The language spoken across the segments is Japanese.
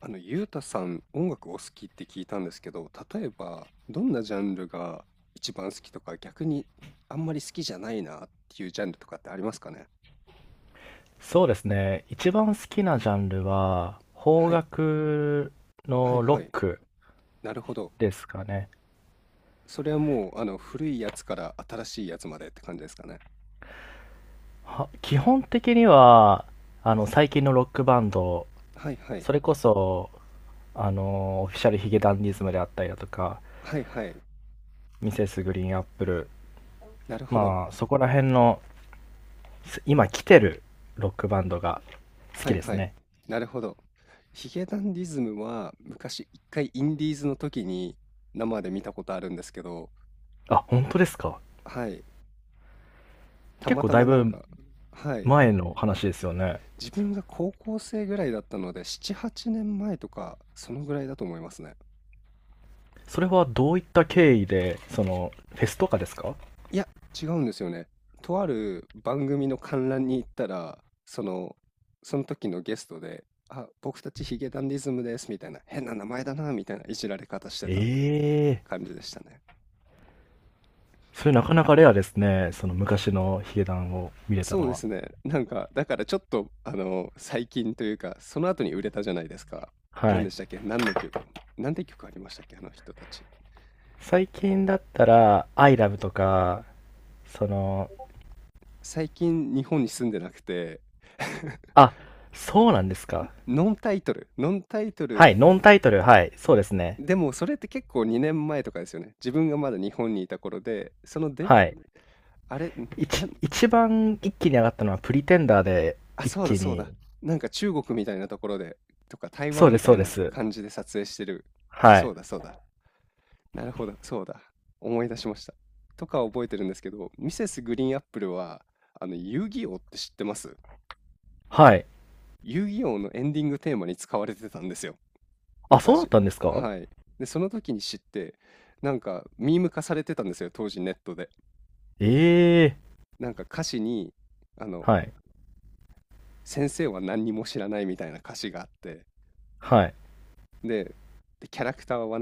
ゆうたさん、音楽お好きって聞いたんですけど、例えば、どんなジャンルが一番好きとか、逆にあんまり好きじゃないなっていうジャンルとかってありますかね？そうですね。一番好きなジャンルは、邦はい、楽はい、のロはい。ックなるほど。ですかね。それはもう、古いやつから新しいやつまでって感じですかね。基本的には、最近のロックバンド、はい、はい、それこそ、オフィシャルヒゲダンディズムであったりだとか、はい、はい。ミセスグリーンアップル、なるほど。まあ、そこら辺の、今来てるロックバンドが好はきい、ですはい。ね。なるほど。ヒゲダンディズムは、昔一回インディーズの時に生で見たことあるんですけど、あ、本当ですか。はい。た結ま構ただまいなんぶか、はい。前の話ですよね。自分が高校生ぐらいだったので、7、8年前とか、そのぐらいだと思いますね。それはどういった経緯で、フェスとかですか？いや、違うんですよね。とある番組の観覧に行ったら、その、その時のゲストで、あ、僕たちヒゲダンディズムです、みたいな、変な名前だな、みたいないじられ方してたってええ。感じでしたね。それなかなかレアですね。その昔のヒゲダンを見れたそうのでは。すね。なんか、だからちょっと、最近というか、その後に売れたじゃないですか。は何でい。したっけ？何の曲？何て曲ありましたっけあの人たち？最近だったら、アイラブとか、その、最近日本に住んでなくて。 あ、そうなんですか。ノンタイトル、ノンタイトル、はい、ノンタイトル、はい、そうですね。でもそれって結構2年前とかですよね。自分がまだ日本にいた頃で、そので、はい。あれ、なん、一番一気に上がったのはプリテンダーであ、一そうだ気そうに。だ。なんか中国みたいなところで、とか台そ湾うでみす、たそういでなす。感じで撮影してる。はそい。うだそうだ。なるほど、そうだ。思い出しました。とか覚えてるんですけど、ミセスグリーンアップルは、遊戯王って知ってます？はい。遊戯王のエンディングテーマに使われてたんですよ。あ、そうだっ昔。たんですか？はい。で、その時に知って、なんか、ミーム化されてたんですよ、当時ネットで。ええ。なんか歌詞に、あの、はい。先生は何にも知らないみたいな歌詞があって、はい。で、でキャラクターは、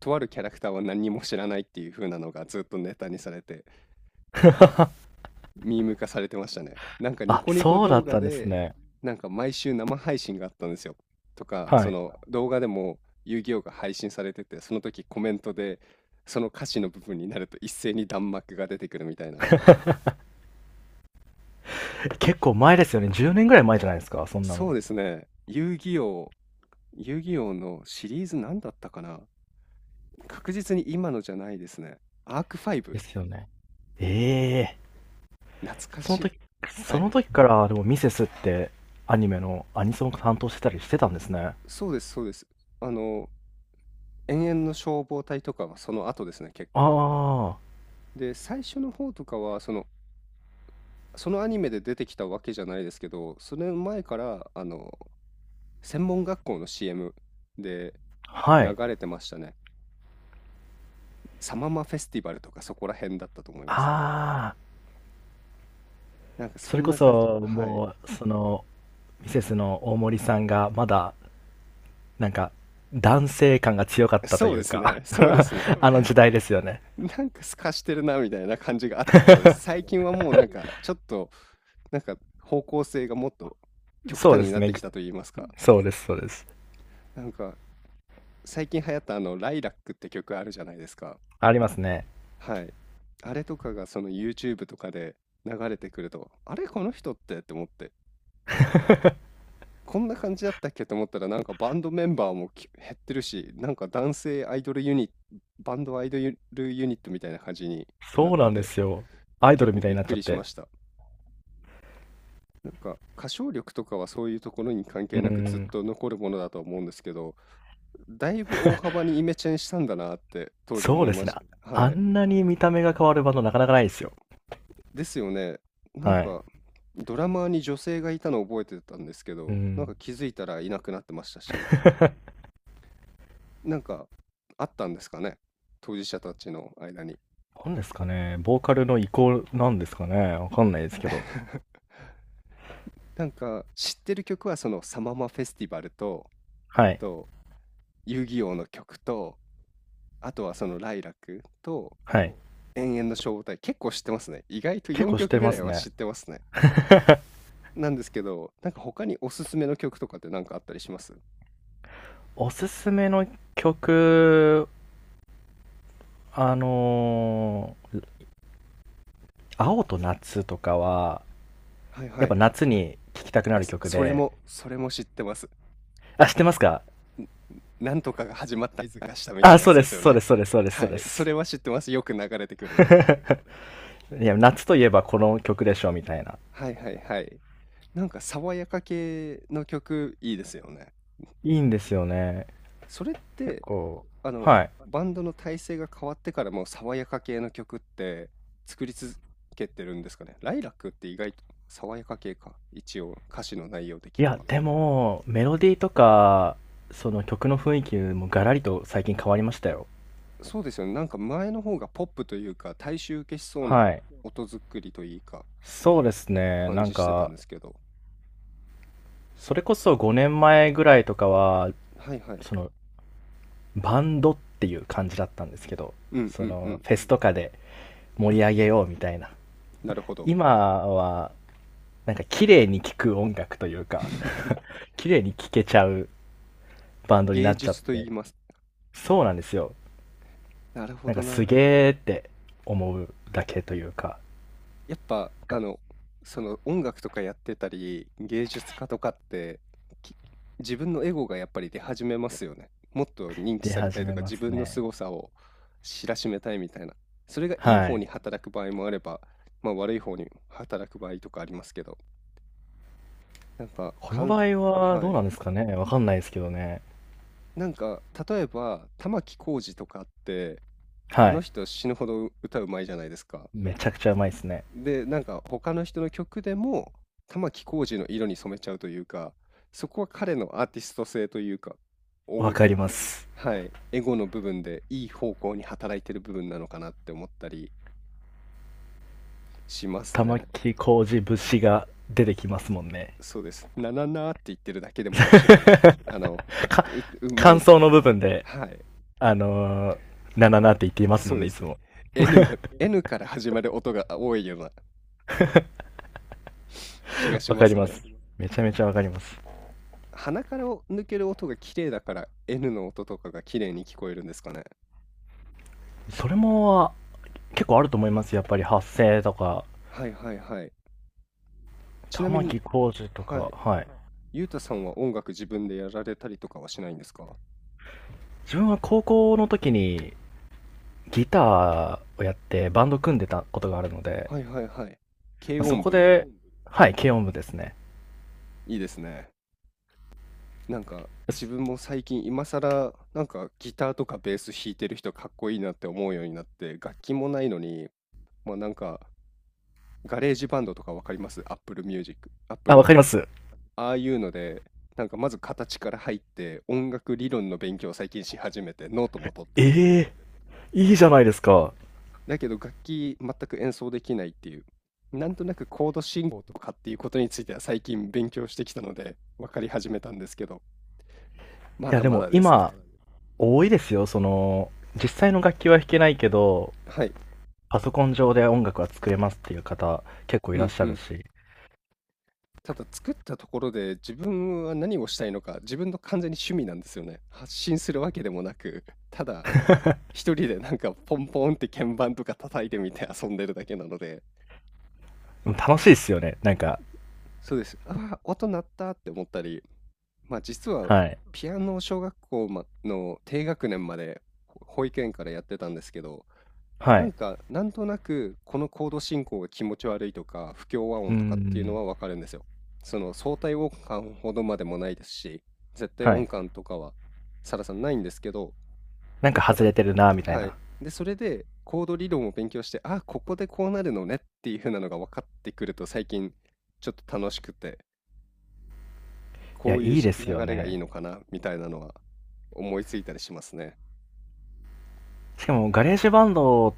とあるキャラクターは何にも知らないっていう風なのがずっとネタにされて、ミーム化されてましたね。なんかニあ、コニコそうだ動っ画たんですで、ね。なんか毎週生配信があったんですよ。とか、はそい。の動画でも遊戯王が配信されてて、その時コメントで、その歌詞の部分になると一斉に弾幕が出てくるみたいな。結構前ですよね。10年ぐらい前じゃないですか、そんなそうの。ですね。遊戯王、遊戯王のシリーズ何だったかな。確実に今のじゃないですね。アーク5。ですよね。ええ。懐かそのしい。時、はそのい。時からでもミセスってアニメのアニソンを担当してたりしてたんですね。そうです、そうです。あの、永遠の消防隊とかはその後ですね、結あ構。あ、で、最初の方とかは、そのそのアニメで出てきたわけじゃないですけど、それ前から、専門学校の CM では流い。れてましたね。サママフェスティバルとかそこら辺だったと思います。ああ、なんかそそれんこな感じ。そはい。もう、ミセスの大森さんがまだ、なんか、男性感が強かっ たとそういでうすか ね。そうですね。あの時代ですよね。なんか透かしてるなみたいな感じがあった頃です。最近はもうなんかちょっと、なんか方向性がもっと極そう端でにすなっね。てきたと言いますか。そうです、そうです。なんか最近流行ったあの、ライラックって曲あるじゃないですか。ありますね。はい。あれとかがその YouTube とかで流れてくると、あれこの人ってって思って、こんな感じだったっけと思ったらなんかバンドメンバーもき減ってるし、なんか男性アイドルユニ、バンドアイドルユニットみたいな感じになっそうてなんでて、すよ。アイドル結み構たいびにっなっちくゃっりして。ました。なんか歌唱力とかはそういうところに関う係なくずっん。と残るものだと思うんですけど、だいぶ大幅にイメチェンしたんだなって当時そう思いでますね。した。あはい。んなに見た目が変わるバンドなかなかないですよ。ですよね。なんはい。か、ドラマーに女性がいたのを覚えてたんですけうど、なんん。か気づいたらいなくなってましたし、なんか、あったんですかね、当事者たちの間に。なんですかね、ボーカルの移行なんですかね、わかんないですけど。なんか、知ってる曲はそのサママフェスティバルと、えっはい。と、遊戯王の曲と、あとはそのライラクと、はい。永遠々の消防隊、結構知ってますね。意外と結構4し曲てぐまらいすはね。知ってますね。なんですけど、なんか他におすすめの曲とかってなんかあったりします？おすすめの曲、あのー青と夏とかは、はいはやっぱい。夏に聴きたくなるそ曲それで、もそれも知ってます。あ、知ってますか？ん、なんとかが始まった合図が、したみたいあ、なやそうつでですす、よそうね。です、そうです、そうです、そはうでい、そす。れは知ってます。よく流れてくるので。いや、夏といえばこの曲でしょ、みたいな。はいはいはい。なんか爽やか系の曲いいですよね。いいんですよね。それっ結て、構、あの、はい。バンドの体制が変わってからも爽やか系の曲って作り続けてるんですかね。ライラックって意外と爽やか系か。一応歌詞の内容的いにや、は。でも、メロディーとか、その曲の雰囲気もガラリと最近変わりましたよ。そうですよね。なんか前の方がポップというか大衆受けしそうなはい。音作りというかそうですね。感なんじしてたんか、ですけど。それこそ5年前ぐらいとかは、はいはい。その、バンドっていう感じだったんですけど、うんうんうん。フェスとかで盛り上げようみたいな。なるほど。今は、なんか綺麗に聴く音楽というか、綺麗に聴けちゃうバンドにな芸っちゃっ術と言て、います。そうなんですよ。なるほなんどかすな。げーって思うだけというやっぱ、かその音楽とかやってたり、芸術家とかって、き自分のエゴがやっぱり出始めますよね。もっと認知出された始いとめか、ま自す分のね。凄さを知らしめたいみたいな。それがいいは方い。に働く場合もあれば、まあ、悪い方に働く場合とかありますけど、なんか、こかのん場合ははどうい。なんですかね、わかんないですけどね。なんか、例えば、玉置浩二とかって、はあのい。人死ぬほど歌うまいじゃないですか。めちゃくちゃうまいですね。で、なんか他の人の曲でも玉置浩二の色に染めちゃうというか、そこは彼のアーティスト性というか、わ音、かります。はい、エゴの部分でいい方向に働いてる部分なのかなって思ったりします玉ね。木浩二節が出てきますもんね。そうです。なななって言ってるだけでも面白いです。あの、か、う、うま感い。想の部分で、はい、あのー、なななって言っていますそもうんね、でいす。つも。N が、N から始まる音が多いような気がしわまかりすまね。す。めちゃめちゃわかります。鼻からを抜ける音が綺麗だから N の音とかが綺麗に聞こえるんですかね。それも、結構あると思います。やっぱり発声とか、はいはいはい。ちな玉み木に、浩二とはか、い。はい。ゆうたさんは音楽自分でやられたりとかはしないんですか？自分は高校の時にギターをやってバンド組んでたことがあるので、はいはいはい。軽そ音こ部、で、はい、軽音部ですね。いいですね。なんか自分も最近今更なんかギターとかベース弾いてる人かっこいいなって思うようになって楽器もないのに、まあなんかガレージバンドとかわかります？ Apple Music、あ、Apple わかのります。ああいうので、なんかまず形から入って、音楽理論の勉強を最近し始めて、ノートも取ってて。ええ。いいじゃないですか。だけど楽器全く演奏できないっていう。なんとなくコード進行とかっていうことについては最近勉強してきたので、分かり始めたんですけど、まいや、だでまもだですね。今、多いですよ。実際の楽器は弾けないけど、はい。パソコン上で音楽は作れますっていう方、結構いうらっんしゃうるん。し。ただ作ったところで自分は何をしたいのか、自分の完全に趣味なんですよね。発信するわけでもなく、ただ一人でなんかポンポンって鍵盤とか叩いてみて遊んでるだけなので、うん。楽しいですよね。なんか、そうです。ああ、音鳴ったって思ったり、まあ実ははい。ピアノを小学校まの低学年までほ保育園からやってたんですけど、はない。んかなんとなくこのコード進行が気持ち悪いとか不協和う音とかっていうのん。はわかるんですよ。その相対音感ほどまでもないですし、絶対はい。音感とかはサラさんないんですけど、なんかだか外ら、れてるな、みたいはい。な。で、それでコード理論を勉強して、あここでこうなるのねっていう風なのが分かってくると最近ちょっと楽しくて、いこや、ういういいしですよ流れがいいね。のかなみたいなのは思いついたりしますね。しかも、ガレージバンドっ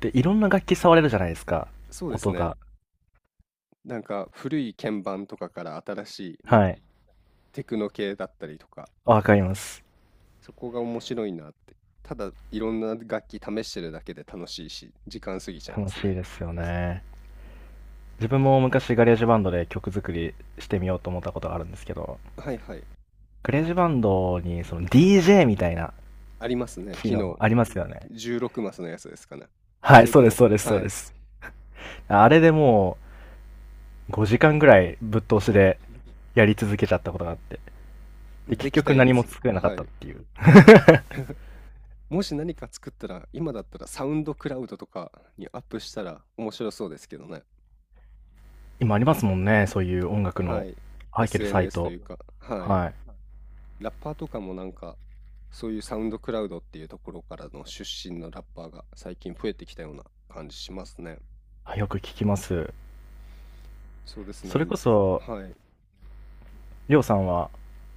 ていろんな楽器触れるじゃないですか。そうです音ね。が。なんか古い鍵盤とかから新しいなんはかい。テクノ系だったりとか、わかります。そこが面白いなって。ただいろんな楽器試してるだけで楽しいし、時間過ぎちゃいま楽すしいね。ですよね。自分も昔ガレージバンドで曲作りしてみようと思ったことがあるんですけど、はいはい。ガレージバンドにその DJ みたいなありますね。機昨能日ありますよね。16マスのやつですかね。はい、それそとうです、も、そうです、そはうでい。す。あれでもう5時間ぐらいぶっ通し でやり続けちゃったことがあって。で、で結きた局や何もつ。作れなかはったっい。ていう。もし何か作ったら、今だったらサウンドクラウドとかにアップしたら面白そうですけどね。今ありますもんね、そういう音楽はのい。入ってるサイ SNS といト。うか、はい。はい。ラッパーとかもなんか、そういうサウンドクラウドっていうところからの出身のラッパーが最近増えてきたような感じしますね。あ、よく聞きます。そうですそれね。こそ、はい。りょうさんは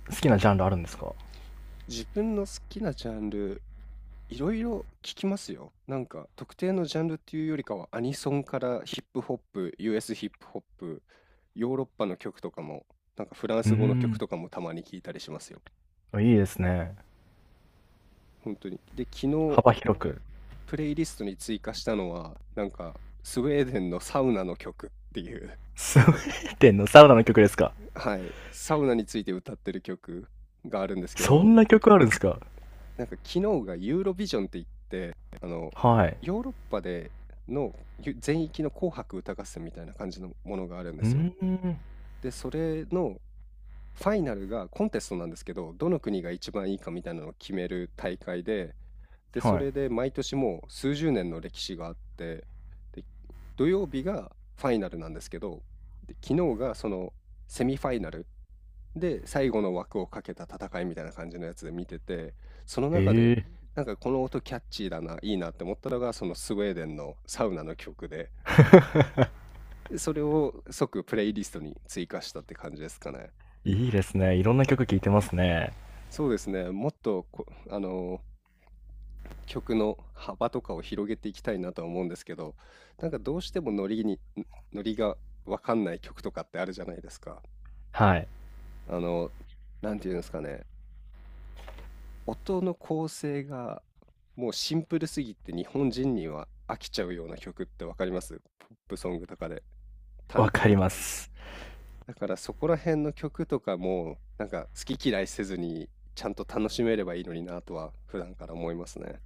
好きなジャンルあるんですか？自分の好きなジャンル、いろいろ聞きますよ。なんか、特定のジャンルっていうよりかは、アニソンからヒップホップ、US ヒップホップ、ヨーロッパの曲とかも、なんかフランうース語の曲ん。とかもたまに聞いたりしますよ。あ、いいですね。本当に。で、昨日幅アッ広く。プレイリストに追加したのは、なんか、スウェーデンのサウナの曲っていう。 スウェーデンのサウナの曲ですか？ はい、サウナについて歌ってる曲があるんですけそど、んな曲あるんですか？なんか昨日がユーロビジョンって言って、あの、はい。ヨーロッパでのゆ全域の紅白歌合戦みたいな感じのものがあるんでうすよ。ーん。で、それのファイナルがコンテストなんですけど、どの国が一番いいかみたいなのを決める大会で、で、そはい。れで毎年もう数十年の歴史があって、で、土曜日がファイナルなんですけど、で、昨日がそのセミファイナルで最後の枠をかけた戦いみたいな感じのやつで見てて、その中でえなんかこの音キャッチーだな、いいなって思ったのがそのスウェーデンのサウナの曲で、でそれを即プレイリストに追加したって感じですかね。え。いいですね。いろんな曲聴いてますね。そうですね。もっとこ、曲の幅とかを広げていきたいなとは思うんですけど、なんかどうしてもノリに、んノリがわかんない曲とかってあるじゃないですか。はい。あの、なんていうんですかね、音の構成がもうシンプルすぎて日本人には飽きちゃうような曲ってわかります？ポップソングとかでわ単か調。ります。だからそこら辺の曲とかもなんか好き嫌いせずにちゃんと楽しめればいいのになとは普段から思いますね。